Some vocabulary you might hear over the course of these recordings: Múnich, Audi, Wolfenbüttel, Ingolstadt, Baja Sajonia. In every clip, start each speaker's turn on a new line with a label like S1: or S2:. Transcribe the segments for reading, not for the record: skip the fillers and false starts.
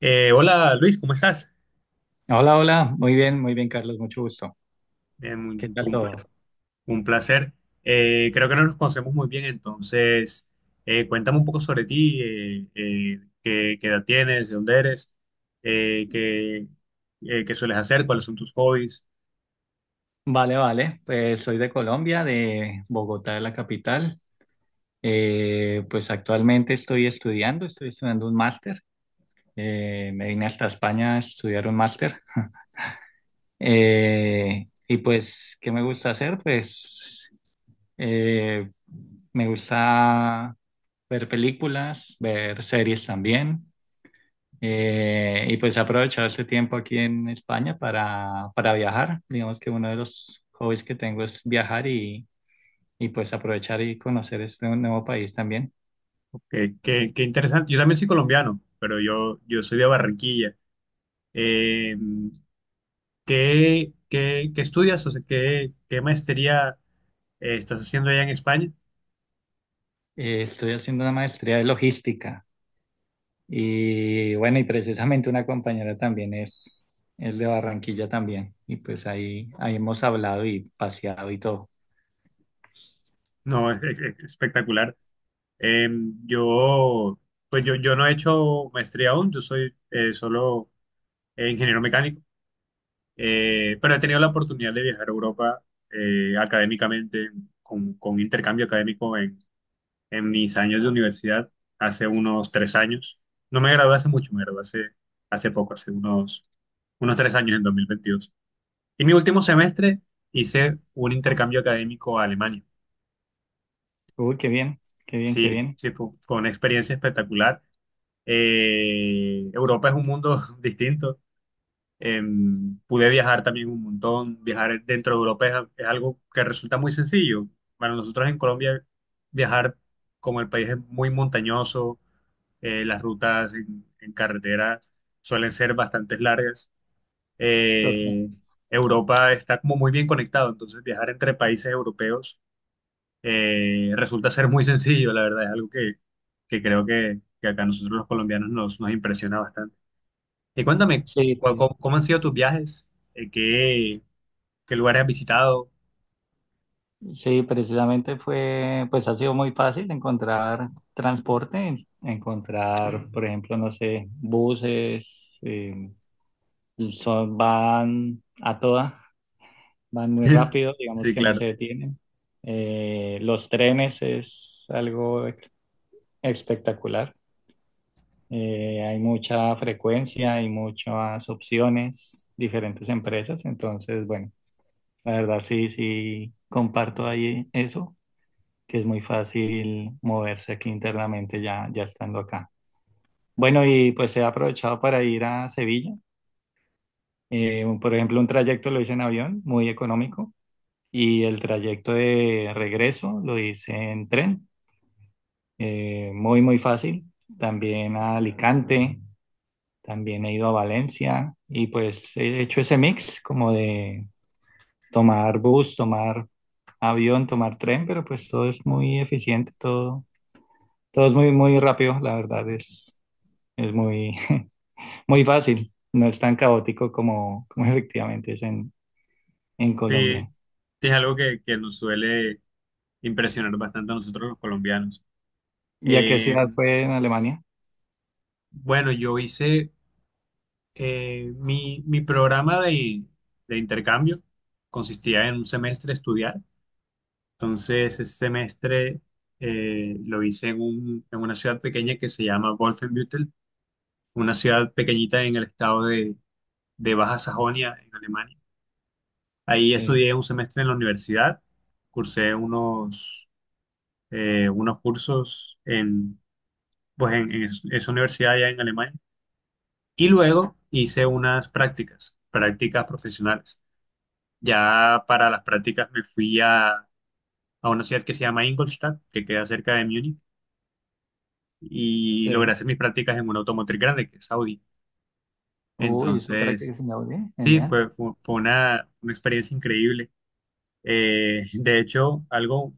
S1: Hola, Luis, ¿cómo estás?
S2: Hola, hola, muy bien, Carlos, mucho gusto. ¿Qué tal
S1: Un
S2: todo?
S1: placer. Un placer. Creo que no nos conocemos muy bien, entonces cuéntame un poco sobre ti. ¿Qué edad tienes? ¿De dónde eres? Eh, qué, eh, qué sueles hacer? ¿Cuáles son tus hobbies?
S2: Vale, vale, pues soy de Colombia, de Bogotá, de la capital. Pues actualmente estoy estudiando un máster. Me vine hasta España a estudiar un máster. Y pues, ¿qué me gusta hacer? Pues eh, me gusta ver películas, ver series también. Y pues he aprovechado este tiempo aquí en España para viajar. Digamos que uno de los hobbies que tengo es viajar y pues aprovechar y conocer este nuevo país también.
S1: Qué interesante. Yo también soy colombiano, pero yo soy de Barranquilla. Eh, ¿qué estudias? O sea, ¿Qué maestría estás haciendo allá en España?
S2: Estoy haciendo una maestría de logística y bueno, y precisamente una compañera también es de Barranquilla también. Y pues ahí hemos hablado y paseado y todo.
S1: No, es espectacular. Eh, yo, pues yo no he hecho maestría aún. Yo soy, solo, ingeniero mecánico. Pero he tenido la oportunidad de viajar a Europa, académicamente, con intercambio académico en mis años de universidad, hace unos 3 años. No me gradué hace mucho. Me gradué hace poco, hace unos 3 años, en 2022. Y mi último semestre hice un intercambio académico a Alemania.
S2: Uy, qué bien, qué bien, qué
S1: Sí,
S2: bien.
S1: sí, fue una experiencia espectacular. Europa es un mundo distinto. Pude viajar también un montón. Viajar dentro de Europa es algo que resulta muy sencillo. Para nosotros en Colombia, viajar, como el país es muy montañoso, las rutas en carretera suelen ser bastante largas.
S2: Total.
S1: Eh, Europa está como muy bien conectado, entonces viajar entre países europeos resulta ser muy sencillo, la verdad. Es algo que creo que acá a nosotros los colombianos nos impresiona bastante. Y cuéntame,
S2: Sí,
S1: ¿cómo han sido tus viajes? Eh, ¿Qué, qué lugares has visitado?
S2: sí, precisamente fue, pues ha sido muy fácil encontrar transporte, encontrar, por ejemplo, no sé, buses, son, van muy rápido, digamos
S1: Sí,
S2: que no
S1: claro.
S2: se detienen. Los trenes es algo espectacular. Hay mucha frecuencia, hay muchas opciones, diferentes empresas, entonces, bueno, la verdad sí, sí, comparto ahí eso, que es muy fácil moverse aquí internamente ya estando acá. Bueno, y pues he aprovechado para ir a Sevilla. Por ejemplo, un trayecto lo hice en avión, muy económico, y el trayecto de regreso lo hice en tren, muy, muy fácil. También a Alicante, también he ido a Valencia y pues he hecho ese mix como de tomar bus, tomar avión, tomar tren, pero pues todo es muy eficiente, todo, todo es muy, muy rápido, la verdad es. Es muy, muy fácil, no es tan caótico como, efectivamente es en
S1: Sí, sí,
S2: Colombia.
S1: es algo que nos suele impresionar bastante a nosotros los colombianos.
S2: ¿Y a qué
S1: Eh,
S2: ciudad fue en Alemania?
S1: bueno, yo hice, mi programa de intercambio, consistía en un semestre estudiar. Entonces, ese semestre lo hice en una ciudad pequeña que se llama Wolfenbüttel, una ciudad pequeñita en el estado de Baja Sajonia, en Alemania. Ahí
S2: Sí,
S1: estudié un semestre en la universidad, cursé unos cursos en esa universidad allá en Alemania, y luego hice unas prácticas, prácticas profesionales. Ya para las prácticas me fui a una ciudad que se llama Ingolstadt, que queda cerca de Múnich, y logré
S2: sí.
S1: hacer mis prácticas en una automotriz grande, que es Audi.
S2: Uy, eso para que
S1: Entonces,
S2: se me oye,
S1: sí,
S2: genial.
S1: fue una experiencia increíble. De hecho, algo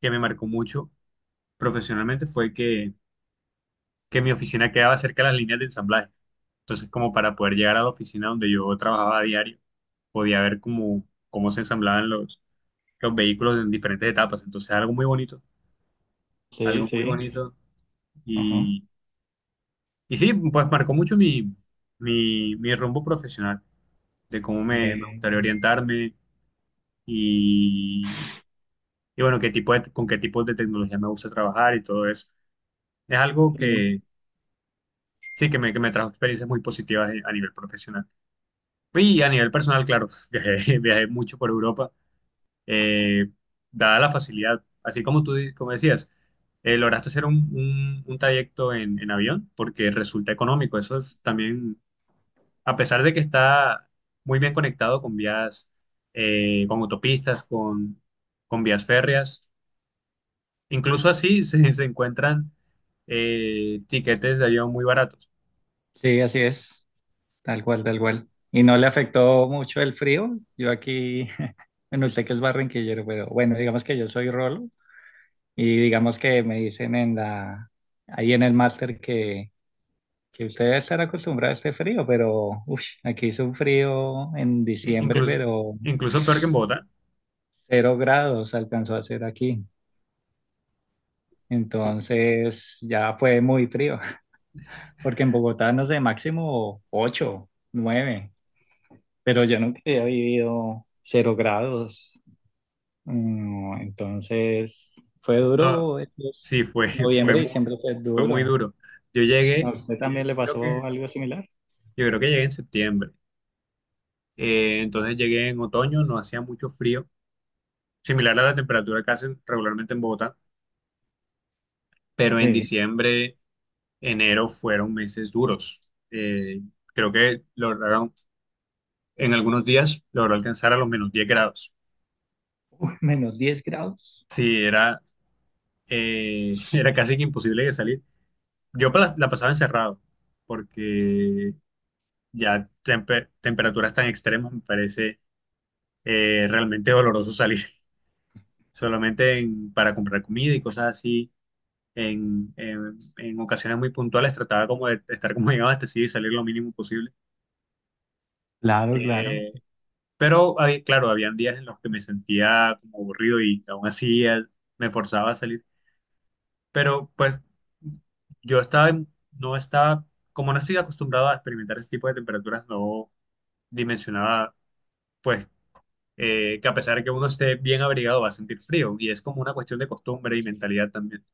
S1: que me marcó mucho profesionalmente fue que mi oficina quedaba cerca de las líneas de ensamblaje. Entonces, como para poder llegar a la oficina donde yo trabajaba a diario, podía ver cómo se ensamblaban los vehículos en diferentes etapas. Entonces, algo muy bonito,
S2: Sí,
S1: algo muy
S2: sí.
S1: bonito.
S2: Ajá.
S1: Y, sí, pues marcó mucho mi rumbo profesional, de cómo me
S2: Ve,
S1: gustaría orientarme, y, bueno, con qué tipo de tecnología me gusta trabajar y todo eso. Es algo
S2: claro.
S1: que sí, que me trajo experiencias muy positivas, a nivel profesional. Y a nivel personal, claro, viajé mucho por Europa, eh, dada la facilidad, así como como decías, lograste hacer un trayecto en avión porque resulta económico. Eso es también, a pesar de que está muy bien conectado con vías, con autopistas, con vías férreas, incluso así se encuentran tiquetes de avión muy baratos.
S2: Sí, así es, tal cual, tal cual. ¿Y no le afectó mucho el frío? Yo aquí, bueno, usted que es barranquillero, pero bueno, digamos que yo soy rolo y digamos que me dicen ahí en el máster, que usted debe estar acostumbrado a este frío, pero uff, aquí hizo un frío en
S1: I-
S2: diciembre,
S1: Incluso,
S2: pero
S1: incluso peor que en Bogotá.
S2: 0 grados alcanzó a hacer aquí. Entonces ya fue muy frío, porque en Bogotá no sé, máximo 8, 9, pero yo nunca había vivido 0 grados. Entonces fue
S1: No,
S2: duro,
S1: sí, fue,
S2: noviembre y diciembre fue
S1: fue muy
S2: duro.
S1: duro. Yo
S2: ¿A
S1: llegué,
S2: usted
S1: eh,
S2: también le
S1: creo que,
S2: pasó algo similar?
S1: yo creo que llegué en septiembre. Entonces llegué en otoño, no hacía mucho frío, similar a la temperatura que hacen regularmente en Bogotá, pero en
S2: Sí,
S1: diciembre, enero fueron meses duros. Creo que en algunos días logró alcanzar a los -10 grados.
S2: -10 grados.
S1: Sí, era casi que imposible de salir. La pasaba encerrado porque temperaturas tan extremas, me parece realmente doloroso salir para comprar comida y cosas así. En ocasiones muy puntuales trataba como de estar como bien abastecido y salir lo mínimo posible.
S2: Claro, claro.
S1: Eh, pero claro, habían días en los que me sentía como aburrido, y aún así me forzaba a salir. Pero pues no estaba, como no estoy acostumbrado a experimentar ese tipo de temperaturas, no dimensionaba, pues que a pesar de que uno esté bien abrigado va a sentir frío, y es como una cuestión de costumbre y mentalidad también.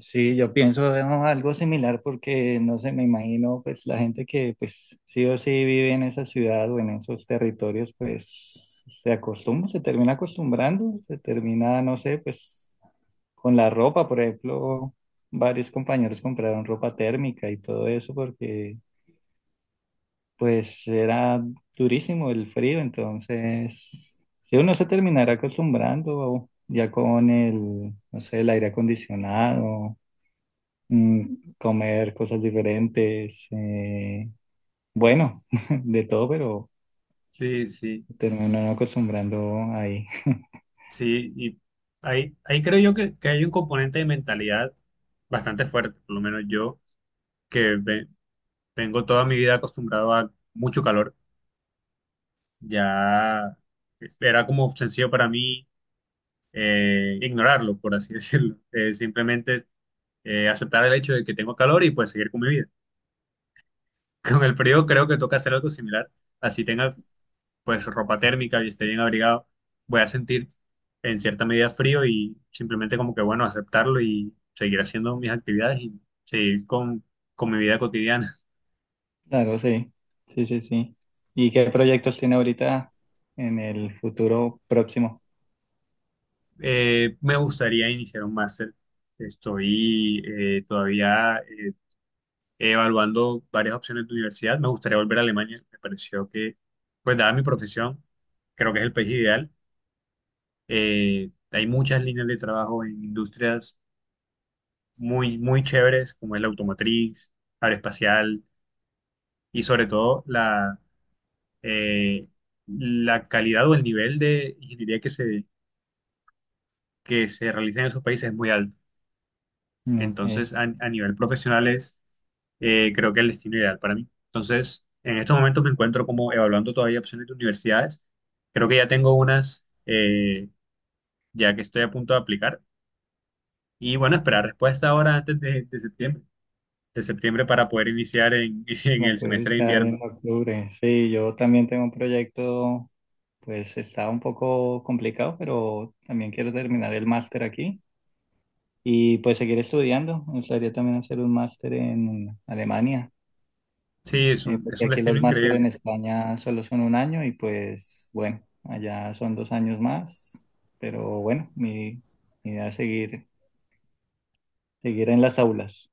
S2: Sí, yo pienso, ¿no?, algo similar, porque no sé, me imagino pues la gente que pues sí o sí vive en esa ciudad o en esos territorios pues se acostumbra, se termina acostumbrando, se termina, no sé, pues con la ropa, por ejemplo, varios compañeros compraron ropa térmica y todo eso porque pues era durísimo el frío, entonces sí, uno se terminará acostumbrando ya con el, no sé, el aire acondicionado, comer cosas diferentes, bueno, de todo, pero
S1: Sí, sí,
S2: termino no acostumbrando ahí.
S1: sí. Y ahí creo yo que hay un componente de mentalidad bastante fuerte. Por lo menos yo, que ve- vengo toda mi vida acostumbrado a mucho calor. Ya era como sencillo para mí, ignorarlo, por así decirlo. Simplemente, aceptar el hecho de que tengo calor y pues seguir con mi vida. Con el frío creo que toca hacer algo similar. Así tenga pues ropa térmica y esté bien abrigado, voy a sentir en cierta medida frío, y simplemente como que, bueno, aceptarlo y seguir haciendo mis actividades y seguir con mi vida cotidiana.
S2: Claro, sí, sí, sí, sí. ¿Y qué proyectos tiene ahorita en el futuro próximo?
S1: Me gustaría iniciar un máster. Estoy todavía, evaluando varias opciones de universidad. Me gustaría volver a Alemania. Me pareció que, pues, dada mi profesión, creo que es el país ideal. Hay muchas líneas de trabajo en industrias muy, muy chéveres, como es la automotriz, aeroespacial, y sobre todo eh, la calidad o el nivel de ingeniería que se realiza en esos países es muy alto. Entonces,
S2: Ok,
S1: a nivel profesional es, creo que el destino ideal para mí. Entonces, en estos momentos me encuentro como evaluando todavía opciones de universidades. Creo que ya tengo unas, ya que estoy a punto de aplicar. Y bueno, esperar respuesta ahora antes de septiembre para poder iniciar en en
S2: la
S1: el
S2: puedo
S1: semestre de
S2: iniciar en
S1: invierno.
S2: octubre. Sí, yo también tengo un proyecto, pues está un poco complicado, pero también quiero terminar el máster aquí y pues seguir estudiando. Me gustaría también hacer un máster en Alemania,
S1: Sí, es
S2: porque
S1: un
S2: aquí
S1: destino
S2: los máster
S1: increíble.
S2: en España solo son un año y pues bueno, allá son 2 años más, pero bueno, mi idea es seguir, seguir en las aulas.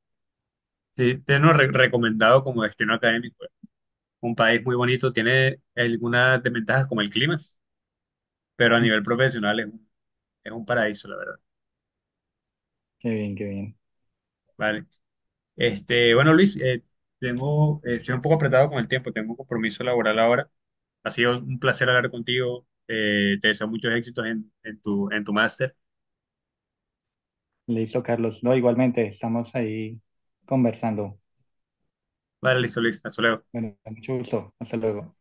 S1: Sí, te lo recomendado como destino académico. Un país muy bonito, tiene algunas desventajas como el clima, pero a nivel profesional es un paraíso, la verdad.
S2: Qué bien, qué bien.
S1: Vale. Bueno, Luis, estoy un poco apretado con el tiempo, tengo un compromiso laboral ahora. Ha sido un placer hablar contigo. Te deseo muchos éxitos en tu máster.
S2: Listo, Carlos. No, igualmente, estamos ahí conversando.
S1: Vale, listo, Luis. Hasta luego.
S2: Bueno, mucho gusto. Hasta luego.